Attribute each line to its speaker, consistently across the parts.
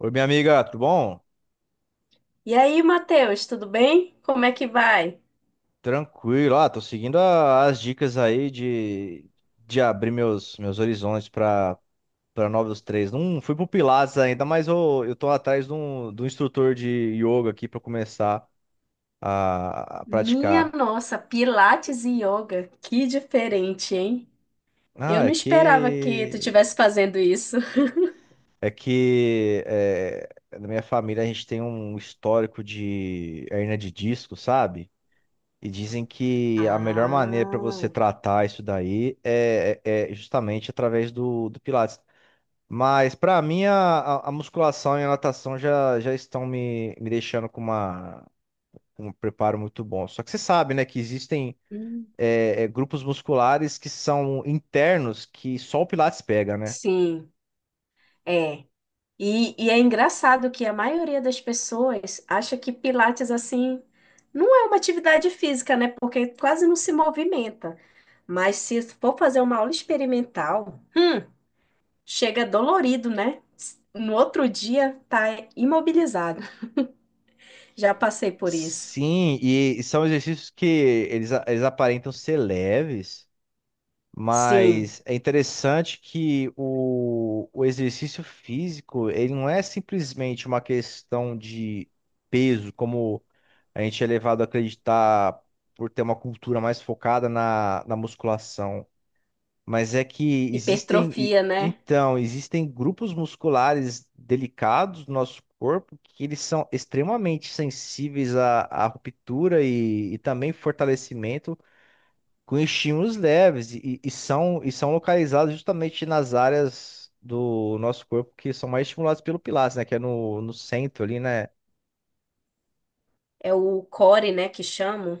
Speaker 1: Oi, minha amiga, tudo bom?
Speaker 2: E aí, Matheus, tudo bem? Como é que vai?
Speaker 1: Tranquilo, tô seguindo as dicas aí de abrir meus horizontes para novos treinos. Não fui pro Pilates ainda, mas eu tô atrás de um instrutor de yoga aqui para começar a
Speaker 2: Minha
Speaker 1: praticar.
Speaker 2: nossa, Pilates e yoga, que diferente, hein?
Speaker 1: Ah,
Speaker 2: Eu
Speaker 1: é
Speaker 2: não esperava que tu
Speaker 1: que
Speaker 2: estivesse fazendo isso.
Speaker 1: é que é, na minha família a gente tem um histórico de hernia de disco, sabe? E dizem que a melhor maneira para você
Speaker 2: Ah,
Speaker 1: tratar isso daí é justamente através do Pilates. Mas para mim, a musculação e a natação já estão me deixando com uma, com um preparo muito bom. Só que você sabe, né, que existem
Speaker 2: hum,
Speaker 1: grupos musculares que são internos que só o Pilates pega, né?
Speaker 2: sim, é. E é engraçado que a maioria das pessoas acha que Pilates, assim, não é uma atividade física, né? Porque quase não se movimenta. Mas se for fazer uma aula experimental, chega dolorido, né? No outro dia tá imobilizado. Já passei por isso.
Speaker 1: Sim, e são exercícios que eles aparentam ser leves.
Speaker 2: Sim.
Speaker 1: Mas é interessante que o exercício físico, ele não é simplesmente uma questão de peso, como a gente é levado a acreditar por ter uma cultura mais focada na musculação. Mas é que existem,
Speaker 2: Hipertrofia, né?
Speaker 1: então, existem grupos musculares delicados do nosso corpo que eles são extremamente sensíveis à ruptura e também fortalecimento com estímulos leves e são localizados justamente nas áreas do nosso corpo que são mais estimuladas pelo Pilates, né? Que é no centro ali, né?
Speaker 2: É o core, né, que chamam,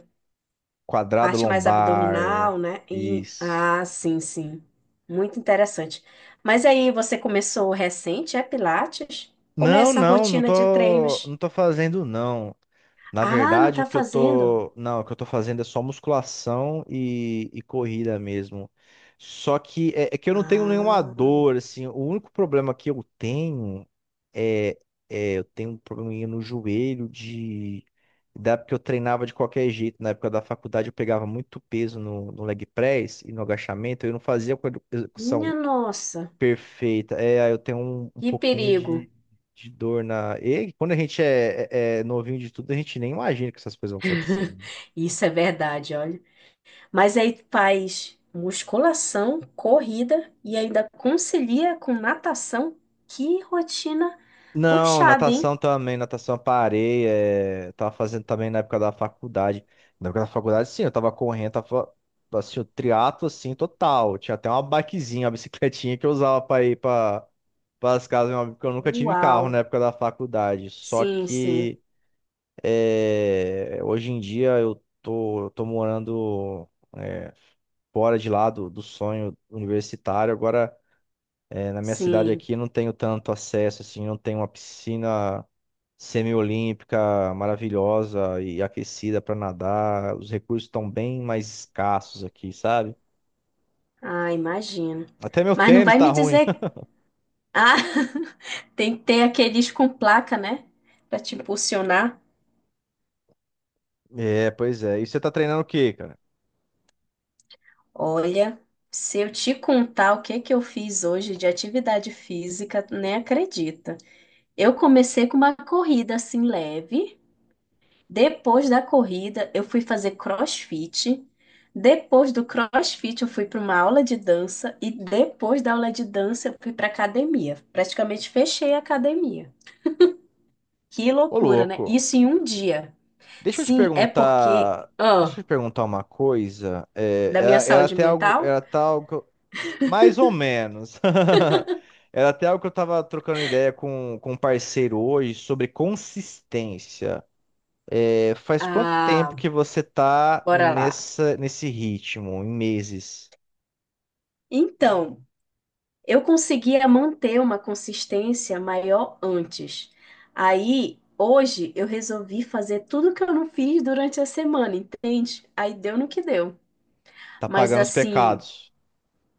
Speaker 1: Quadrado
Speaker 2: parte mais
Speaker 1: lombar.
Speaker 2: abdominal, né? E
Speaker 1: Isso.
Speaker 2: ah, sim, sim. Muito interessante. Mas aí você começou recente, é Pilates? Como é
Speaker 1: Não,
Speaker 2: essa
Speaker 1: não, não
Speaker 2: rotina de
Speaker 1: tô, não
Speaker 2: treinos?
Speaker 1: tô fazendo, não. Na
Speaker 2: Ah, não
Speaker 1: verdade, o
Speaker 2: tá
Speaker 1: que eu
Speaker 2: fazendo?
Speaker 1: tô, não, o que eu tô fazendo é só musculação e corrida mesmo. Só que é que eu não tenho nenhuma
Speaker 2: Ah,
Speaker 1: dor, assim. O único problema que eu tenho é, é eu tenho um probleminha no joelho de da época que eu treinava de qualquer jeito. Na época da faculdade eu pegava muito peso no leg press e no agachamento. Eu não fazia com a
Speaker 2: minha
Speaker 1: execução
Speaker 2: nossa.
Speaker 1: perfeita. É, aí eu tenho um
Speaker 2: Que
Speaker 1: pouquinho
Speaker 2: perigo.
Speaker 1: de dor na. E quando a gente é novinho de tudo, a gente nem imagina que essas coisas vão acontecendo.
Speaker 2: Isso é verdade, olha. Mas aí faz musculação, corrida e ainda concilia com natação. Que rotina
Speaker 1: Não,
Speaker 2: puxada, hein?
Speaker 1: natação também, natação eu parei. Eu tava fazendo também na época da faculdade. Na época da faculdade, sim, eu tava correndo, tava assim, o triatlo assim, total. Tinha até uma bikezinha, uma bicicletinha que eu usava pra ir pras casas do meu amigo, porque eu nunca tive
Speaker 2: Uau!
Speaker 1: carro na época da faculdade. Só
Speaker 2: Sim, sim,
Speaker 1: que hoje em dia eu tô morando fora de lá do sonho universitário. Agora, na minha cidade
Speaker 2: sim.
Speaker 1: aqui, não tenho tanto acesso, assim, não tenho uma piscina semiolímpica maravilhosa e aquecida para nadar. Os recursos estão bem mais escassos aqui, sabe?
Speaker 2: Ah, imagino.
Speaker 1: Até meu
Speaker 2: Mas não
Speaker 1: tênis
Speaker 2: vai
Speaker 1: tá
Speaker 2: me
Speaker 1: ruim.
Speaker 2: dizer. Ah, tem que ter aqueles com placa, né? Pra te impulsionar.
Speaker 1: É, pois é. E você tá treinando o quê, cara?
Speaker 2: Olha, se eu te contar o que que eu fiz hoje de atividade física, nem acredita. Eu comecei com uma corrida assim leve. Depois da corrida, eu fui fazer CrossFit. Depois do CrossFit, eu fui para uma aula de dança. E depois da aula de dança, eu fui para academia. Praticamente fechei a academia. Que
Speaker 1: Ô,
Speaker 2: loucura, né?
Speaker 1: louco.
Speaker 2: Isso em um dia.
Speaker 1: Deixa eu te
Speaker 2: Sim, é porque,
Speaker 1: perguntar.
Speaker 2: ah,
Speaker 1: Deixa eu te perguntar uma coisa. É,
Speaker 2: da minha
Speaker 1: era, era
Speaker 2: saúde
Speaker 1: até algo,
Speaker 2: mental?
Speaker 1: era tal, Mais ou menos. Era até algo que eu tava trocando ideia com um parceiro hoje sobre consistência. Faz quanto tempo
Speaker 2: Ah,
Speaker 1: que você tá
Speaker 2: bora lá.
Speaker 1: nessa, nesse ritmo, em meses?
Speaker 2: Então, eu conseguia manter uma consistência maior antes. Aí, hoje, eu resolvi fazer tudo que eu não fiz durante a semana, entende? Aí deu no que deu.
Speaker 1: Tá
Speaker 2: Mas
Speaker 1: pagando os
Speaker 2: assim,
Speaker 1: pecados?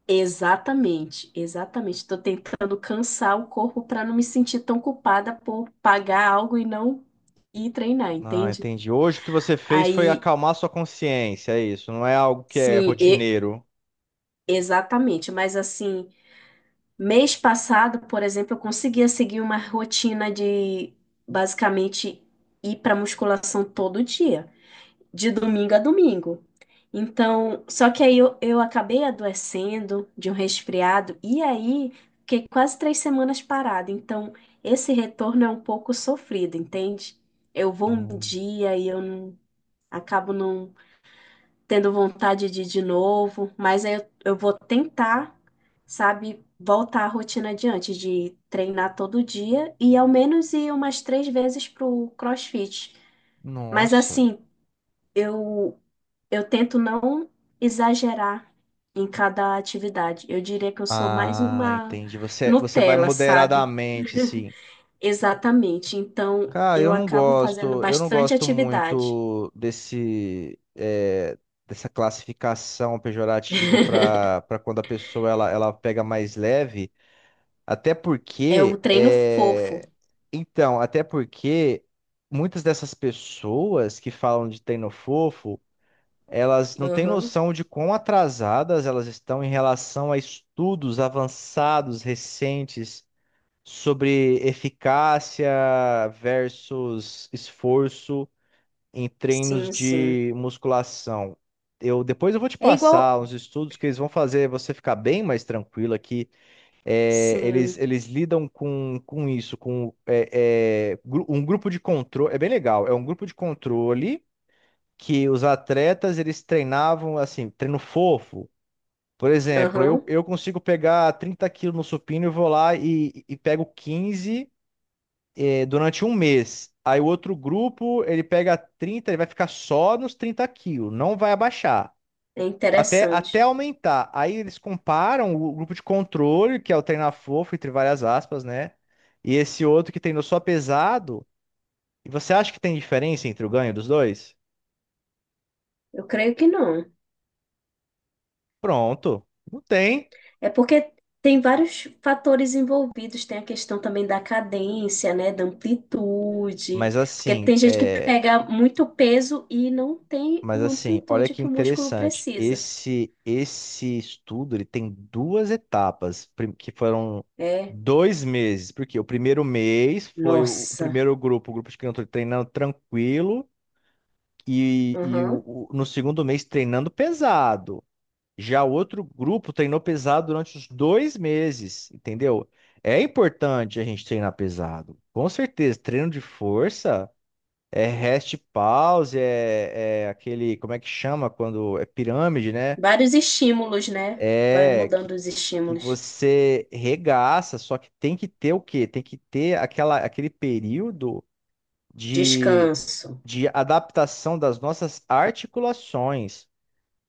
Speaker 2: exatamente, exatamente. Estou tentando cansar o corpo para não me sentir tão culpada por pagar algo e não ir treinar,
Speaker 1: Ah,
Speaker 2: entende?
Speaker 1: entendi. Hoje o que você fez foi
Speaker 2: Aí,
Speaker 1: acalmar sua consciência, é isso. Não é algo que é
Speaker 2: sim, e-
Speaker 1: rotineiro.
Speaker 2: exatamente. Mas assim. Mês passado, por exemplo, eu conseguia seguir uma rotina de basicamente ir para musculação todo dia, de domingo a domingo. Então, só que aí eu acabei adoecendo de um resfriado e aí fiquei quase 3 semanas parada. Então, esse retorno é um pouco sofrido, entende? Eu vou um
Speaker 1: Hum,
Speaker 2: dia e eu não- acabo não tendo vontade de ir de novo, mas aí eu vou tentar, sabe, voltar à rotina adiante de treinar todo dia e ao menos ir umas três vezes pro CrossFit. Mas
Speaker 1: nossa.
Speaker 2: assim, eu eu tento não exagerar em cada atividade. Eu diria que eu sou mais
Speaker 1: Ah,
Speaker 2: uma
Speaker 1: entendi. Você vai
Speaker 2: Nutella, sabe?
Speaker 1: moderadamente, assim.
Speaker 2: Exatamente. Então,
Speaker 1: Cara, eu
Speaker 2: eu
Speaker 1: não
Speaker 2: acabo fazendo
Speaker 1: gosto, eu não
Speaker 2: bastante
Speaker 1: gosto
Speaker 2: atividade.
Speaker 1: muito desse, dessa classificação pejorativa para quando a pessoa ela pega mais leve, até
Speaker 2: É o
Speaker 1: porque
Speaker 2: treino fofo.
Speaker 1: é, então, até porque muitas dessas pessoas que falam de treino fofo, elas não têm
Speaker 2: Aham.
Speaker 1: noção de quão atrasadas elas estão em relação a estudos avançados recentes sobre eficácia versus esforço em treinos
Speaker 2: Sim, sim.
Speaker 1: de musculação. Eu depois eu vou te
Speaker 2: É igual.
Speaker 1: passar uns estudos que eles vão fazer você ficar bem mais tranquilo aqui. É, eles,
Speaker 2: Sim,
Speaker 1: eles lidam com isso, com um grupo de controle. É bem legal. É um grupo de controle que os atletas eles treinavam assim, treino fofo. Por exemplo,
Speaker 2: aham.
Speaker 1: eu consigo pegar 30 quilos no supino e vou lá e pego 15 durante um mês. Aí o outro grupo, ele pega 30, ele vai ficar só nos 30 quilos, não vai abaixar.
Speaker 2: É
Speaker 1: Até
Speaker 2: interessante.
Speaker 1: aumentar. Aí eles comparam o grupo de controle, que é o Treina Fofo, entre várias aspas, né? E esse outro que treinou só pesado. E você acha que tem diferença entre o ganho dos dois?
Speaker 2: Eu creio que não.
Speaker 1: Pronto, não tem.
Speaker 2: É porque tem vários fatores envolvidos, tem a questão também da cadência, né, da amplitude,
Speaker 1: Mas
Speaker 2: porque
Speaker 1: assim,
Speaker 2: tem gente que
Speaker 1: é,
Speaker 2: pega muito peso e não tem
Speaker 1: Mas
Speaker 2: uma
Speaker 1: assim, olha
Speaker 2: amplitude
Speaker 1: que
Speaker 2: que o músculo
Speaker 1: interessante.
Speaker 2: precisa.
Speaker 1: Esse estudo ele tem duas etapas que foram
Speaker 2: É,
Speaker 1: 2 meses, porque o primeiro mês foi o
Speaker 2: nossa,
Speaker 1: primeiro grupo, o grupo de crianças treinando tranquilo e, e o,
Speaker 2: aham.
Speaker 1: o- no segundo mês treinando pesado. Já o outro grupo treinou pesado durante os 2 meses, entendeu? É importante a gente treinar pesado, com certeza. Treino de força. É rest pause, é aquele, como é que chama quando é pirâmide, né?
Speaker 2: Vários estímulos, né? Vai
Speaker 1: É que,
Speaker 2: mudando os
Speaker 1: que
Speaker 2: estímulos.
Speaker 1: você regaça, só que tem que ter o quê? Tem que ter aquela, aquele período de,
Speaker 2: Descanso.
Speaker 1: de adaptação das nossas articulações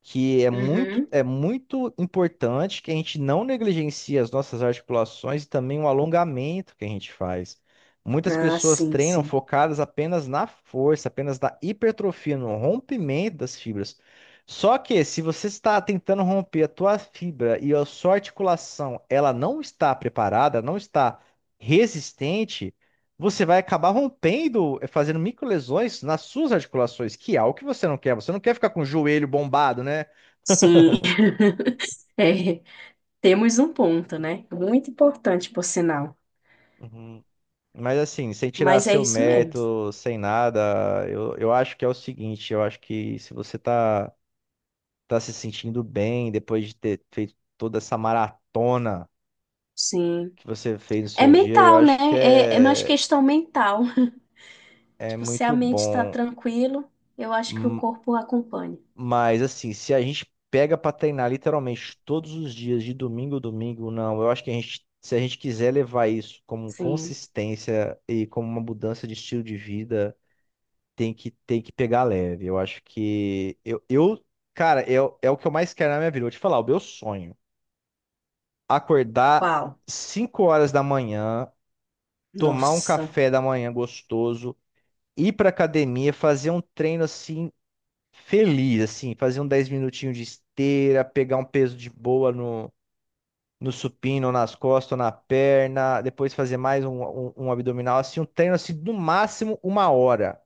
Speaker 1: que
Speaker 2: Uhum.
Speaker 1: é muito importante que a gente não negligencie as nossas articulações e também o alongamento que a gente faz. Muitas
Speaker 2: Ah,
Speaker 1: pessoas
Speaker 2: sim,
Speaker 1: treinam
Speaker 2: sim.
Speaker 1: focadas apenas na força, apenas na hipertrofia, no rompimento das fibras. Só que se você está tentando romper a tua fibra e a sua articulação, ela não está preparada, não está resistente, você vai acabar rompendo, fazendo microlesões nas suas articulações, que é algo que você não quer. Você não quer ficar com o joelho bombado, né?
Speaker 2: Sim, é. Temos um ponto, né? Muito importante, por sinal.
Speaker 1: Uhum. Mas assim, sem tirar
Speaker 2: Mas é
Speaker 1: seu
Speaker 2: isso mesmo.
Speaker 1: mérito, sem nada, eu acho que é o seguinte, eu acho que se você tá, tá se sentindo bem depois de ter feito toda essa maratona
Speaker 2: Sim.
Speaker 1: que você fez no
Speaker 2: É
Speaker 1: seu dia, eu
Speaker 2: mental, né?
Speaker 1: acho que
Speaker 2: É, é mais
Speaker 1: é,
Speaker 2: questão mental.
Speaker 1: é
Speaker 2: Tipo, se a
Speaker 1: muito
Speaker 2: mente está
Speaker 1: bom.
Speaker 2: tranquilo, eu acho que o
Speaker 1: M-
Speaker 2: corpo acompanha.
Speaker 1: Mas assim, se a gente pega pra treinar literalmente todos os dias, de domingo a domingo, não, eu acho que a gente, se a gente quiser levar isso como
Speaker 2: Sim.
Speaker 1: consistência e como uma mudança de estilo de vida, tem que pegar leve. Eu acho que. Eu cara, é o que eu mais quero na minha vida. Vou te falar, o meu sonho. Acordar
Speaker 2: Uau.
Speaker 1: 5 horas da manhã, tomar um
Speaker 2: Nossa.
Speaker 1: café da manhã gostoso, ir pra academia, fazer um treino assim, feliz, assim, fazer um 10 minutinhos de esteira, pegar um peso de boa no. No supino, ou nas costas, ou na perna, depois fazer mais um abdominal, assim, um treino assim, no máximo uma hora,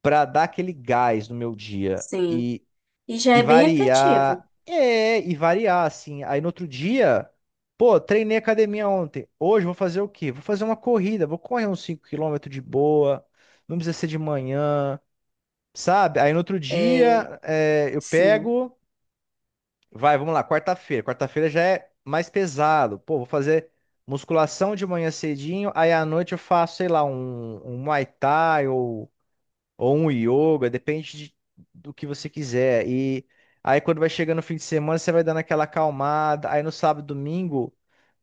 Speaker 1: pra dar aquele gás no meu dia.
Speaker 2: Sim. E já
Speaker 1: E
Speaker 2: é bem efetivo.
Speaker 1: variar. E variar, assim. Aí no outro dia, pô, treinei academia ontem. Hoje eu vou fazer o quê? Vou fazer uma corrida, vou correr uns 5 quilômetros de boa. Não precisa ser de manhã, sabe? Aí no outro
Speaker 2: É,
Speaker 1: dia, eu
Speaker 2: sim.
Speaker 1: pego. Vai, vamos lá, quarta-feira. Quarta-feira já é mais pesado. Pô, vou fazer musculação de manhã cedinho. Aí à noite eu faço, sei lá, um Muay Thai ou um yoga, depende do que você quiser. E aí quando vai chegando o fim de semana, você vai dando aquela acalmada. Aí no sábado, domingo,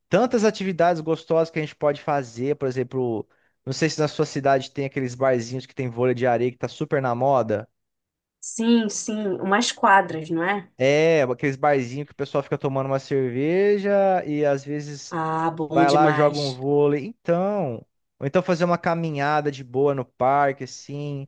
Speaker 1: tantas atividades gostosas que a gente pode fazer, por exemplo, não sei se na sua cidade tem aqueles barzinhos que tem vôlei de areia que tá super na moda.
Speaker 2: Sim, sim. Umas quadras, não é?
Speaker 1: É, aqueles barzinhos que o pessoal fica tomando uma cerveja e às vezes
Speaker 2: Ah, bom
Speaker 1: vai lá, joga um
Speaker 2: demais.
Speaker 1: vôlei. Então, ou então fazer uma caminhada de boa no parque, assim.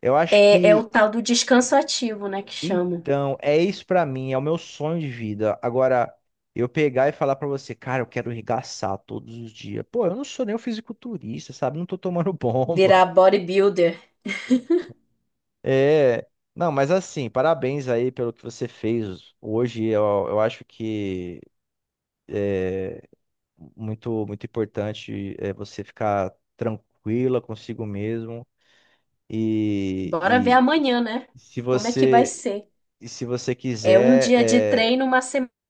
Speaker 1: Eu acho
Speaker 2: É, é o
Speaker 1: que
Speaker 2: tal do descanso ativo, né? Que chamam.
Speaker 1: Então, é isso pra mim, é o meu sonho de vida. Agora, eu pegar e falar pra você, cara, eu quero regaçar todos os dias. Pô, eu não sou nem um fisiculturista, sabe? Não tô tomando bomba.
Speaker 2: Virar bodybuilder.
Speaker 1: É. Não, mas assim, parabéns aí pelo que você fez hoje. Eu acho que muito, muito importante é você ficar tranquila consigo mesmo. E,
Speaker 2: Bora ver amanhã, né?
Speaker 1: e se
Speaker 2: Como é que vai
Speaker 1: você,
Speaker 2: ser?
Speaker 1: se você
Speaker 2: É um
Speaker 1: quiser.
Speaker 2: dia de treino, uma semana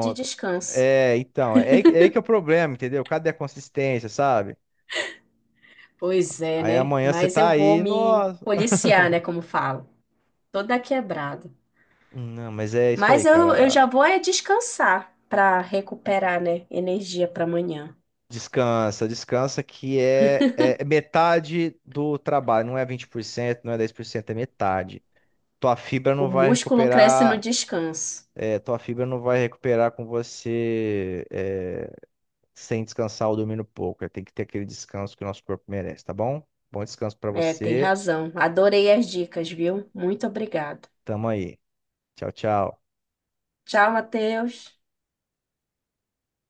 Speaker 2: de descanso.
Speaker 1: É, então, é aí que é o problema, entendeu? Cadê a consistência, sabe?
Speaker 2: Pois é,
Speaker 1: Aí
Speaker 2: né?
Speaker 1: amanhã você
Speaker 2: Mas
Speaker 1: tá
Speaker 2: eu vou
Speaker 1: aí,
Speaker 2: me
Speaker 1: nossa.
Speaker 2: policiar, né? Como falo, toda quebrada.
Speaker 1: Não, mas é isso aí,
Speaker 2: Mas eu já
Speaker 1: cara.
Speaker 2: vou é descansar para recuperar, né? Energia para amanhã.
Speaker 1: Descansa, descansa que é metade do trabalho, não é 20%, não é 10%, é metade. Tua fibra
Speaker 2: O
Speaker 1: não vai
Speaker 2: músculo cresce no
Speaker 1: recuperar,
Speaker 2: descanso.
Speaker 1: tua fibra não vai recuperar com você sem descansar ou dormindo pouco. Tem que ter aquele descanso que o nosso corpo merece, tá bom? Bom descanso pra
Speaker 2: É, tem
Speaker 1: você.
Speaker 2: razão. Adorei as dicas, viu? Muito obrigada.
Speaker 1: Tamo aí. Tchau, tchau.
Speaker 2: Tchau, Matheus.